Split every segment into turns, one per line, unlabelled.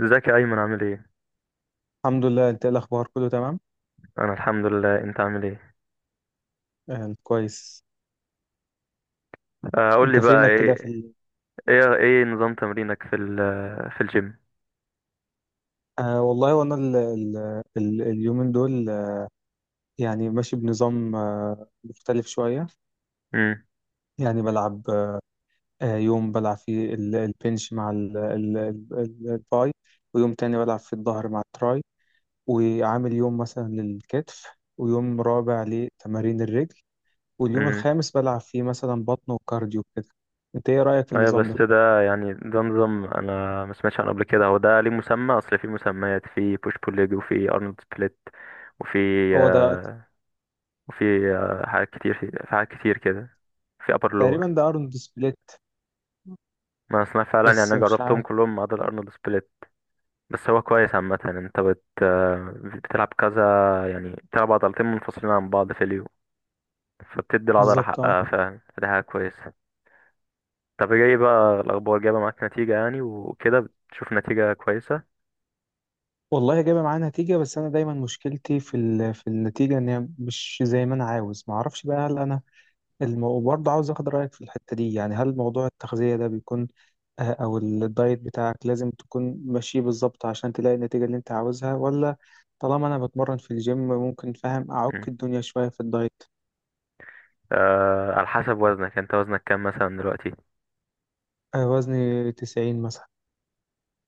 ازيك يا ايمن، عامل ايه؟
الحمد لله. انت ايه الاخبار؟ كله تمام
انا الحمد لله، انت عامل ايه؟
كويس.
آه، قول
انت
لي بقى
فينك كده في
ايه.
ال...
ايه نظام تمرينك في الجيم؟
آه والله وانا ال... ال... ال... اليومين دول، يعني ماشي بنظام مختلف شويه.
امم.
يعني بلعب، يوم بلعب فيه البنش مع الباي، ويوم تاني بلعب في الظهر مع التراي، وعامل يوم مثلا للكتف، ويوم رابع لتمارين الرجل، واليوم
امم.
الخامس بلعب فيه مثلا بطن وكارديو كده. انت ايه رايك في
ايوه،
النظام
بس
ده؟
ده يعني ده نظام انا ما سمعتش عنه قبل كده. هو ده ليه مسمى؟ اصل في مسميات، في بوش بول ليج، وفي ارنولد سبليت، وفي
هو ده
آه، وفي حاجات كتير، في حاجات كتير كده، في ابر
تقريبا،
لور.
ارنولد سبليت،
ما اسمع فعلا، يعني
بس
انا
مش
جربتهم
عارف
كلهم ما عدا الارنولد سبليت. بس هو كويس عامة. انت بت آه، بتلعب كذا، يعني بتلعب عضلتين منفصلين عن بعض في اليوم، فبتدي العضلة
بالظبط. اه
حقها فعلا، فدي حاجة كويسة. طب جاي بقى الأخبار، جايبة معاك نتيجة يعني وكده؟ بتشوف نتيجة كويسة؟
والله جايبه معايا نتيجه، بس انا دايما مشكلتي في في النتيجه، ان هي مش زي ما انا عاوز. ما اعرفش بقى، هل انا برضه عاوز اخد رايك في الحته دي. يعني هل موضوع التغذيه ده بيكون، او الدايت بتاعك، لازم تكون ماشي بالظبط عشان تلاقي النتيجه اللي انت عاوزها؟ ولا طالما انا بتمرن في الجيم ممكن، فاهم، اعك
مم.
الدنيا شويه في الدايت؟
على حسب وزنك، انت وزنك كام مثلا دلوقتي؟
وزني 90 مثلا.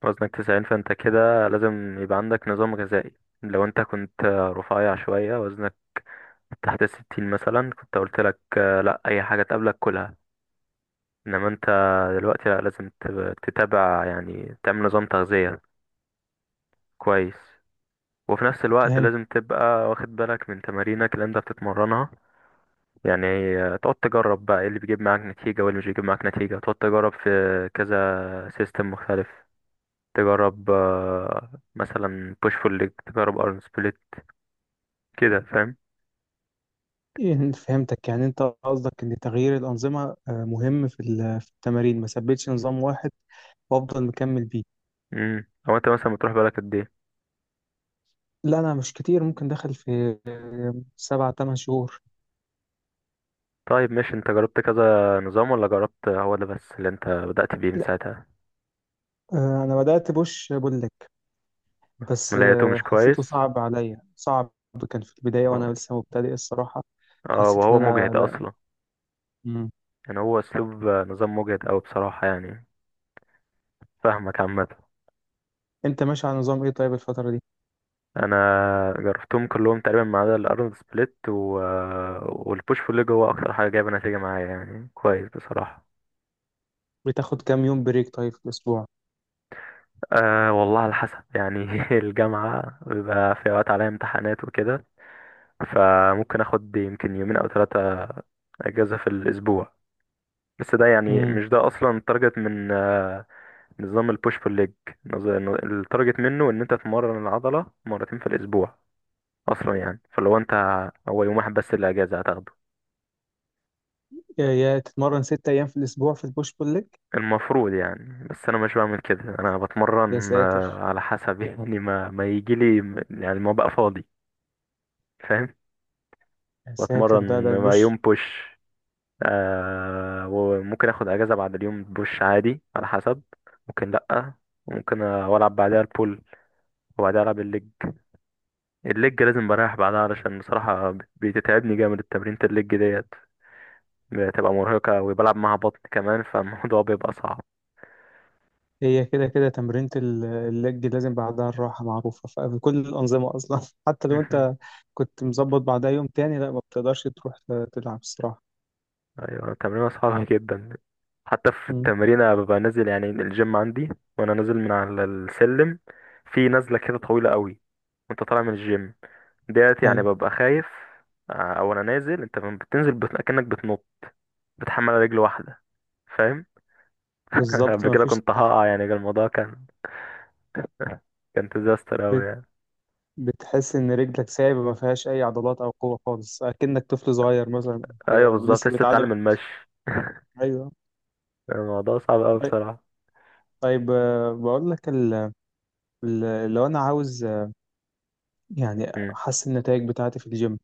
وزنك 90، فانت كده لازم يبقى عندك نظام غذائي. لو انت كنت رفيع شوية، وزنك تحت الـ60 مثلا، كنت قلت لك لا، أي حاجة تقابلك كلها. انما انت دلوقتي لا، لازم تتابع، يعني تعمل نظام تغذية كويس. وفي نفس الوقت لازم تبقى واخد بالك من تمارينك اللي انت بتتمرنها، يعني تقعد تجرب بقى ايه اللي بيجيب معاك نتيجة وايه اللي مش بيجيب معاك نتيجة، تقعد تجرب في كذا سيستم مختلف. تجرب مثلا بوش فول ليج، تجرب ارن سبليت، كده فاهم؟
إيه، فهمتك. يعني انت قصدك ان تغيير الانظمه، مهم في في التمارين، ما ثبتش نظام واحد وافضل مكمل بيه.
امم. او انت مثلا بتروح بالك قد ايه؟
لا انا مش كتير، ممكن دخل في سبع تمن شهور.
طيب ماشي، انت جربت كذا نظام ولا جربت هو ده بس اللي انت بدأت بيه من
لا
ساعتها؟
انا بدات بوش بقول لك، بس
لقيته مش
حسيته
كويس.
صعب عليا، صعب. كان في البدايه
اه.
وانا لسه مبتدئ الصراحه. حسيت ان
وهو
انا
مجهد
لا.
اصلا،
مم.
يعني هو اسلوب نظام مجهد اوي بصراحة يعني. فاهمك عامة.
انت ماشي على نظام ايه طيب الفتره دي؟
انا جربتهم كلهم تقريبا ما عدا الارنولد سبليت والبوش بول ليج هو اكتر حاجه جايبه نتيجه معايا، يعني كويس بصراحه.
بتاخد كام يوم بريك طيب في الاسبوع؟
أه والله، على حسب يعني الجامعه بيبقى في اوقات عليا امتحانات وكده، فممكن اخد يمكن يومين او 3 اجازه في الاسبوع. بس ده يعني
مم.
مش ده اصلا التارجت من نظام البوش بول ليج. نظ- التارجت منه ان انت تمرن العضله مرتين في الاسبوع اصلا يعني. فلو انت، هو يوم واحد بس اللي اجازه هتاخده
يا تتمرن ست ايام في الاسبوع في البوش بول ليج؟
المفروض يعني. بس انا مش بعمل كده، انا
يا
بتمرن
ساتر،
على حسب يعني ما يجي لي، يعني ما بقى فاضي، فاهم؟
يا ساتر، ده
بتمرن ما
البوش.
يوم بوش، آه، وممكن اخد اجازة بعد اليوم بوش عادي على حسب. ممكن لأ، ممكن العب بعدها البول، وبعدها العب الليج. الليج لازم بريح بعدها، علشان بصراحة بتتعبني جامد التمرينة الليج ديت، بتبقى مرهقة وبلعب معاها بطن كمان، فالموضوع بيبقى صعب.
هي كده كده تمرينة اللج لازم بعدها الراحة، معروفة في كل الأنظمة أصلا حتى لو أنت كنت مظبط، بعدها يوم تاني لا ما بتقدرش تروح تلعب الصراحة.
ايوه، تمرين صعب جدا. حتى في
أمم،
التمرين أنا ببقى نازل، يعني الجيم عندي وانا نازل من على السلم، في نزله كده طويله قوي وانت طالع من الجيم ديت، يعني
أيوة
ببقى خايف. او انا نازل، انت لما بتنزل كأنك بتنط، بتحمل على رجل واحده، فاهم؟
بالظبط.
قبل
ما
كده
فيش
كنت هقع، يعني كان الموضوع كان ديزاستر قوي
بت...
يعني.
بتحس إن رجلك سايبة ما فيهاش أي عضلات أو قوة خالص، أكنك طفل صغير مثلا.
ايوه
أو
بالظبط،
لسه
لسه
بيتعلم
بتتعلم المشي.
أيوه.
الموضوع صعب قوي
طيب،
بصراحه.
طيب، بقول لك لو أنا عاوز، يعني
امم.
أحسن النتائج بتاعتي في الجيم،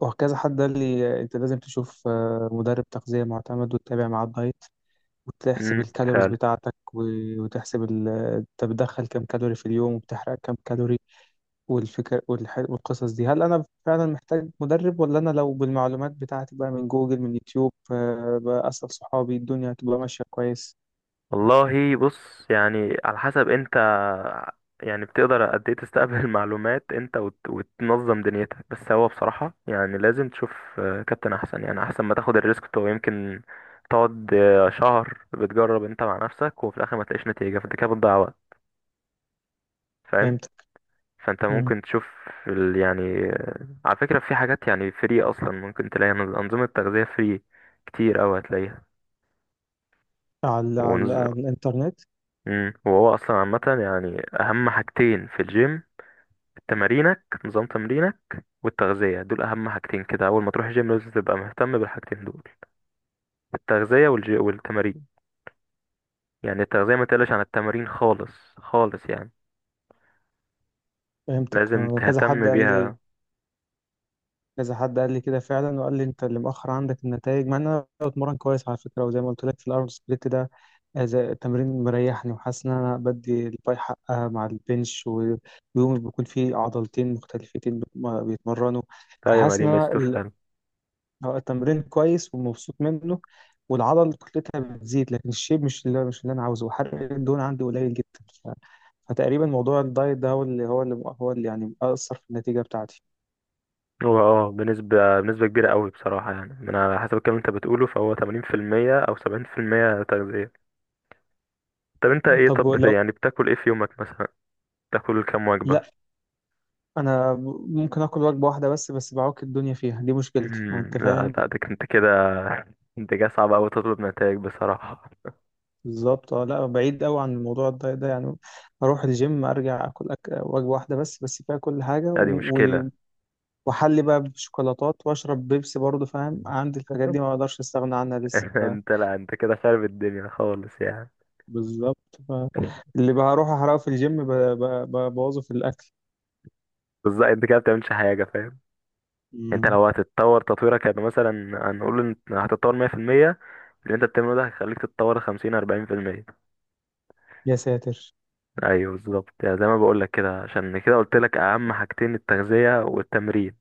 وكذا حد قال لي انت لازم تشوف مدرب تغذية معتمد وتتابع معاه الدايت وتحسب الكالوريز
فعلا.
بتاعتك، وتحسب انت بتدخل كام كالوري في اليوم وبتحرق كام كالوري، والفكر والقصص دي. هل انا فعلا محتاج مدرب، ولا انا لو بالمعلومات بتاعتي بقى من جوجل، من يوتيوب، بأسأل صحابي، الدنيا هتبقى ماشية كويس؟
والله بص، يعني على حسب انت، يعني بتقدر قد ايه تستقبل معلومات انت وتنظم دنيتك. بس هو بصراحة يعني لازم تشوف كابتن احسن، يعني احسن ما تاخد الريسك بتاعه. يمكن تقعد شهر بتجرب انت مع نفسك وفي الاخر ما تلاقيش نتيجة، فانت كده بتضيع وقت، فاهم؟
فهمتك.
فانت
مم.
ممكن تشوف يعني على فكرة في حاجات يعني فري اصلا، ممكن تلاقي انظمة تغذية فري كتير اوي هتلاقيها.
على
ونز...
الانترنت؟
مم. وهو اصلا عامة يعني اهم حاجتين في الجيم: نظام تمرينك والتغذية، دول أهم حاجتين كده. أول ما تروح جيم لازم تبقى مهتم بالحاجتين دول: التغذية والتمارين. يعني التغذية ما تقلش عن التمارين خالص خالص يعني،
فهمتك.
لازم
وكذا حد
تهتم
قال لي،
بيها.
كده فعلا. وقال لي انت اللي مؤخر عندك النتائج، مع ان انا بتمرن كويس على فكره. وزي ما قلت لك في الارنولد سبليت ده، زي التمرين مريحني وحاسس ان انا بدي الباي حقها مع البنش، ويومي بيكون فيه عضلتين مختلفتين ما بيتمرنوا.
أيوة، ما
فحاسس
دي
ان انا
ميزته فعلا.
هو التمرين كويس ومبسوط منه، والعضل كتلتها بتزيد، لكن الشيب مش اللي انا عاوزه، وحرق الدهون عندي قليل جدا. ف- فتقريبا موضوع الدايت ده هو اللي يعني اثر في النتيجه بتاعتي.
هو اه، بنسبة كبيرة قوي بصراحة، يعني من على حسب الكلام اللي انت بتقوله، فهو 80% أو 70% تغذية. طب انت ايه؟
طب
طب
لو
يعني بتاكل ايه في يومك مثلا؟ بتاكل كام
لا،
وجبة؟
انا ممكن اكل وجبه واحده بس، بس بعوك الدنيا فيها، دي مشكلتي يعني،
مم،
انت
لا
فاهم.
لا ده انت كده، انت كده صعب أوي تطلب نتائج بصراحة.
بالظبط اه، لا بعيد قوي عن الموضوع الدايت ده يعني. اروح الجيم، ارجع اكل وجبه واحده بس، بس فيها كل حاجه،
لا دي مشكلة.
واحلي بقى بشوكولاتات واشرب بيبسي برضه، فاهم؟ عندي الحاجات دي ما اقدرش استغنى عنها لسه.
انت، لا انت كده خارب الدنيا خالص يعني.
بالظبط. ف... اللي بروح احرقه في الجيم ببوظه في الاكل.
بالظبط، انت كده بتعملش حاجة، فاهم؟ انت
مم.
لو هتتطور تطويرك يعني مثلا، هنقول ان هتتطور 100%، اللي انت بتعمله ده هيخليك تتطور 50 40%.
يا ساتر،
ايوه بالظبط، يعني زي ما بقول لك كده، عشان كده قلت لك اهم حاجتين التغذية والتمرين.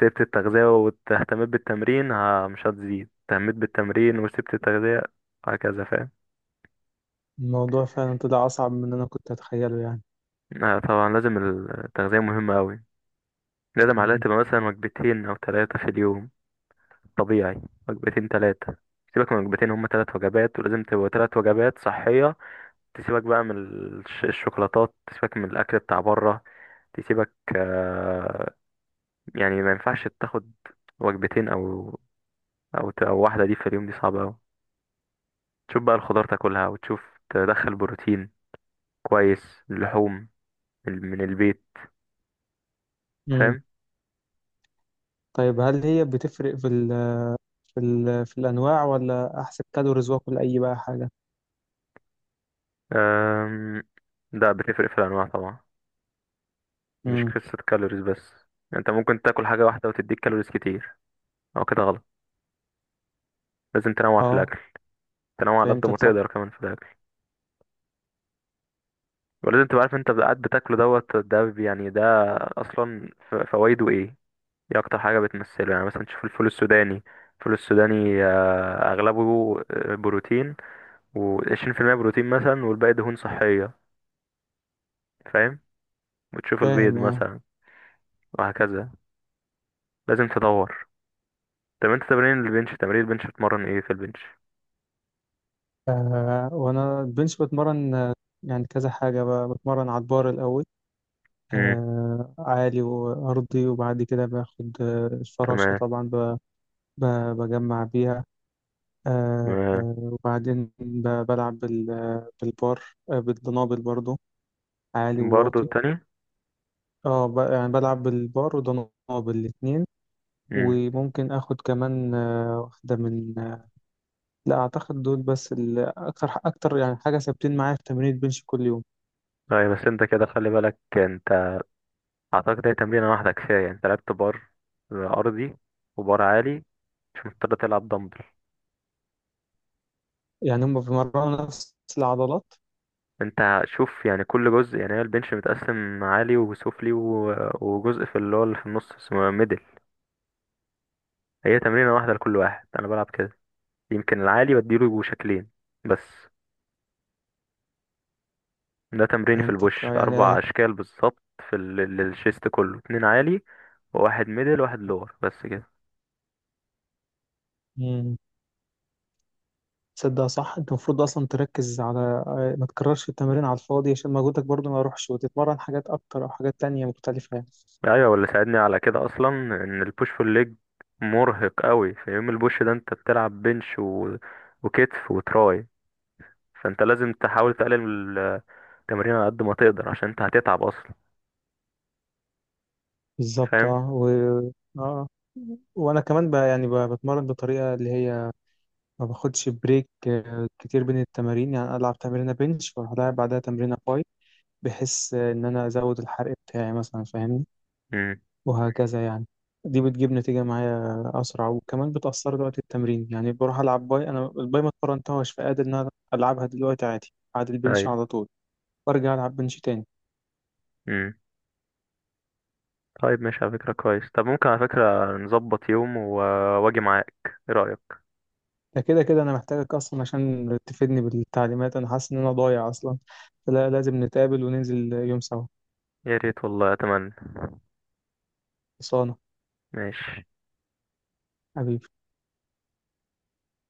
سبت التغذية واهتميت بالتمرين، ها مش هتزيد. اهتميت بالتمرين وسبت التغذية، هكذا فاهم.
الموضوع فعلا طلع اصعب من اللي انا كنت اتخيله يعني.
آه طبعا، لازم التغذية مهمة أوي، لازم عليها
مم.
تبقى مثلا وجبتين أو 3 في اليوم طبيعي. وجبتين ثلاثة، سيبك من وجبتين، هما 3 وجبات، ولازم تبقى 3 وجبات صحية. تسيبك بقى من الشوكولاتات، تسيبك من الأكل بتاع بره، تسيبك يعني ما ينفعش تاخد وجبتين أو، أو أو واحدة دي في اليوم، دي صعبة أوي. تشوف بقى الخضار تاكلها، وتشوف تدخل بروتين كويس اللحوم من البيت،
مم.
فاهم؟
طيب هل هي بتفرق في في الأنواع، ولا أحسب كالوريز وآكل أي بقى حاجة؟
أم، ده بتفرق في الأنواع طبعا، مش
امم.
قصة كالوريز بس. انت ممكن تاكل حاجة واحدة وتديك كالوريز كتير، او كده غلط. لازم تنوع في
أه،
الاكل، تنوع على قد ما
فهمتك صح.
تقدر كمان في الاكل. ولازم تبقى عارف انت قاعد بتاكله دوت ده يعني ده اصلا فوايده ايه، دي اكتر حاجة بتمثله. يعني مثلا تشوف الفول السوداني، الفول السوداني اغلبه بروتين، و20% بروتين مثلا، والباقي دهون صحية، فاهم؟ وتشوف البيض
فاهم أه.
مثلا، وهكذا، لازم تدور. طب انت تمرين البنش، تمرين البنش بتمرن ايه في البنش؟
وأنا البنش بتمرن، يعني كذا حاجة بقى. بتمرن على البار الأول،
امم.
آه، عالي وأرضي. وبعد كده باخد الفراشة
تمام.
طبعا، ب... بجمع بيها. آه آه، وبعدين بلعب بالبار، بالدنابل برضو، عالي
برضه
وواطي.
التانية.
اه يعني بلعب بالبار ودنابل الاتنين.
امم.
وممكن اخد كمان واحده من، لا اعتقد دول بس اكتر يعني حاجه ثابتين معايا في تمرين البنش كل يوم.
طيب بس انت كده خلي بالك، انت اعتقد هي تمرينة واحدة كفاية. يعني انت لعبت بار ارضي وبار عالي، مش مضطر تلعب دمبل.
يعني هم بيمرنوا نفس العضلات؟
انت شوف يعني كل جزء، يعني هي البنش متقسم عالي وسفلي وجزء في اللي هو اللي في النص اسمه ميدل. هي تمرينة واحدة لكل واحد، انا بلعب كده. يمكن العالي بديله شكلين بس. ده تمريني في
فهمتك.
البوش
يعني
اربع اشكال بالظبط. في الشيست كله 2 عالي، وواحد ميدل وواحد لور، بس كده.
مم، تصدق صح، انت المفروض اصلا تركز على، ما تكررش التمرين على الفاضي عشان مجهودك برضو ما يروحش، وتتمرن حاجات اكتر او حاجات تانية مختلفه يعني.
ايوه، واللي ساعدني على كده اصلا، ان البوش بول ليج مرهق قوي، في يوم البوش ده انت بتلعب بنش وكتف وتراي، فانت لازم تحاول تقلل التمرين على قد ما تقدر، عشان انت هتتعب اصلا،
بالظبط
فاهم؟
اه. اه، وانا كمان يعني بتمرن بطريقه اللي هي ما باخدش بريك كتير بين التمارين. يعني ألعب تمرينة بنش وأروح ألعب بعدها تمرينة باي، بحيث إن أنا أزود الحرق بتاعي مثلا، فاهمني،
امم.
وهكذا يعني. دي بتجيب نتيجة معايا أسرع وكمان بتأثر وقت التمرين. يعني بروح ألعب باي، أنا الباي ما اتمرنتهاش، فقادر إن أنا ألعبها دلوقتي عادي بعد البنش
ايوه.
على طول، وأرجع ألعب بنش تاني.
امم. طيب ماشي على فكره، كويس. طب ممكن على فكره نظبط يوم واجي معاك، ايه رايك؟
ده كده كده أنا محتاجك أصلا عشان تفيدني بالتعليمات، أنا حاسس إن أنا ضايع أصلا. فلا، لازم نتقابل وننزل يوم سوا.
يا ريت والله، اتمنى.
خلصانة
ماشي.
حبيبي.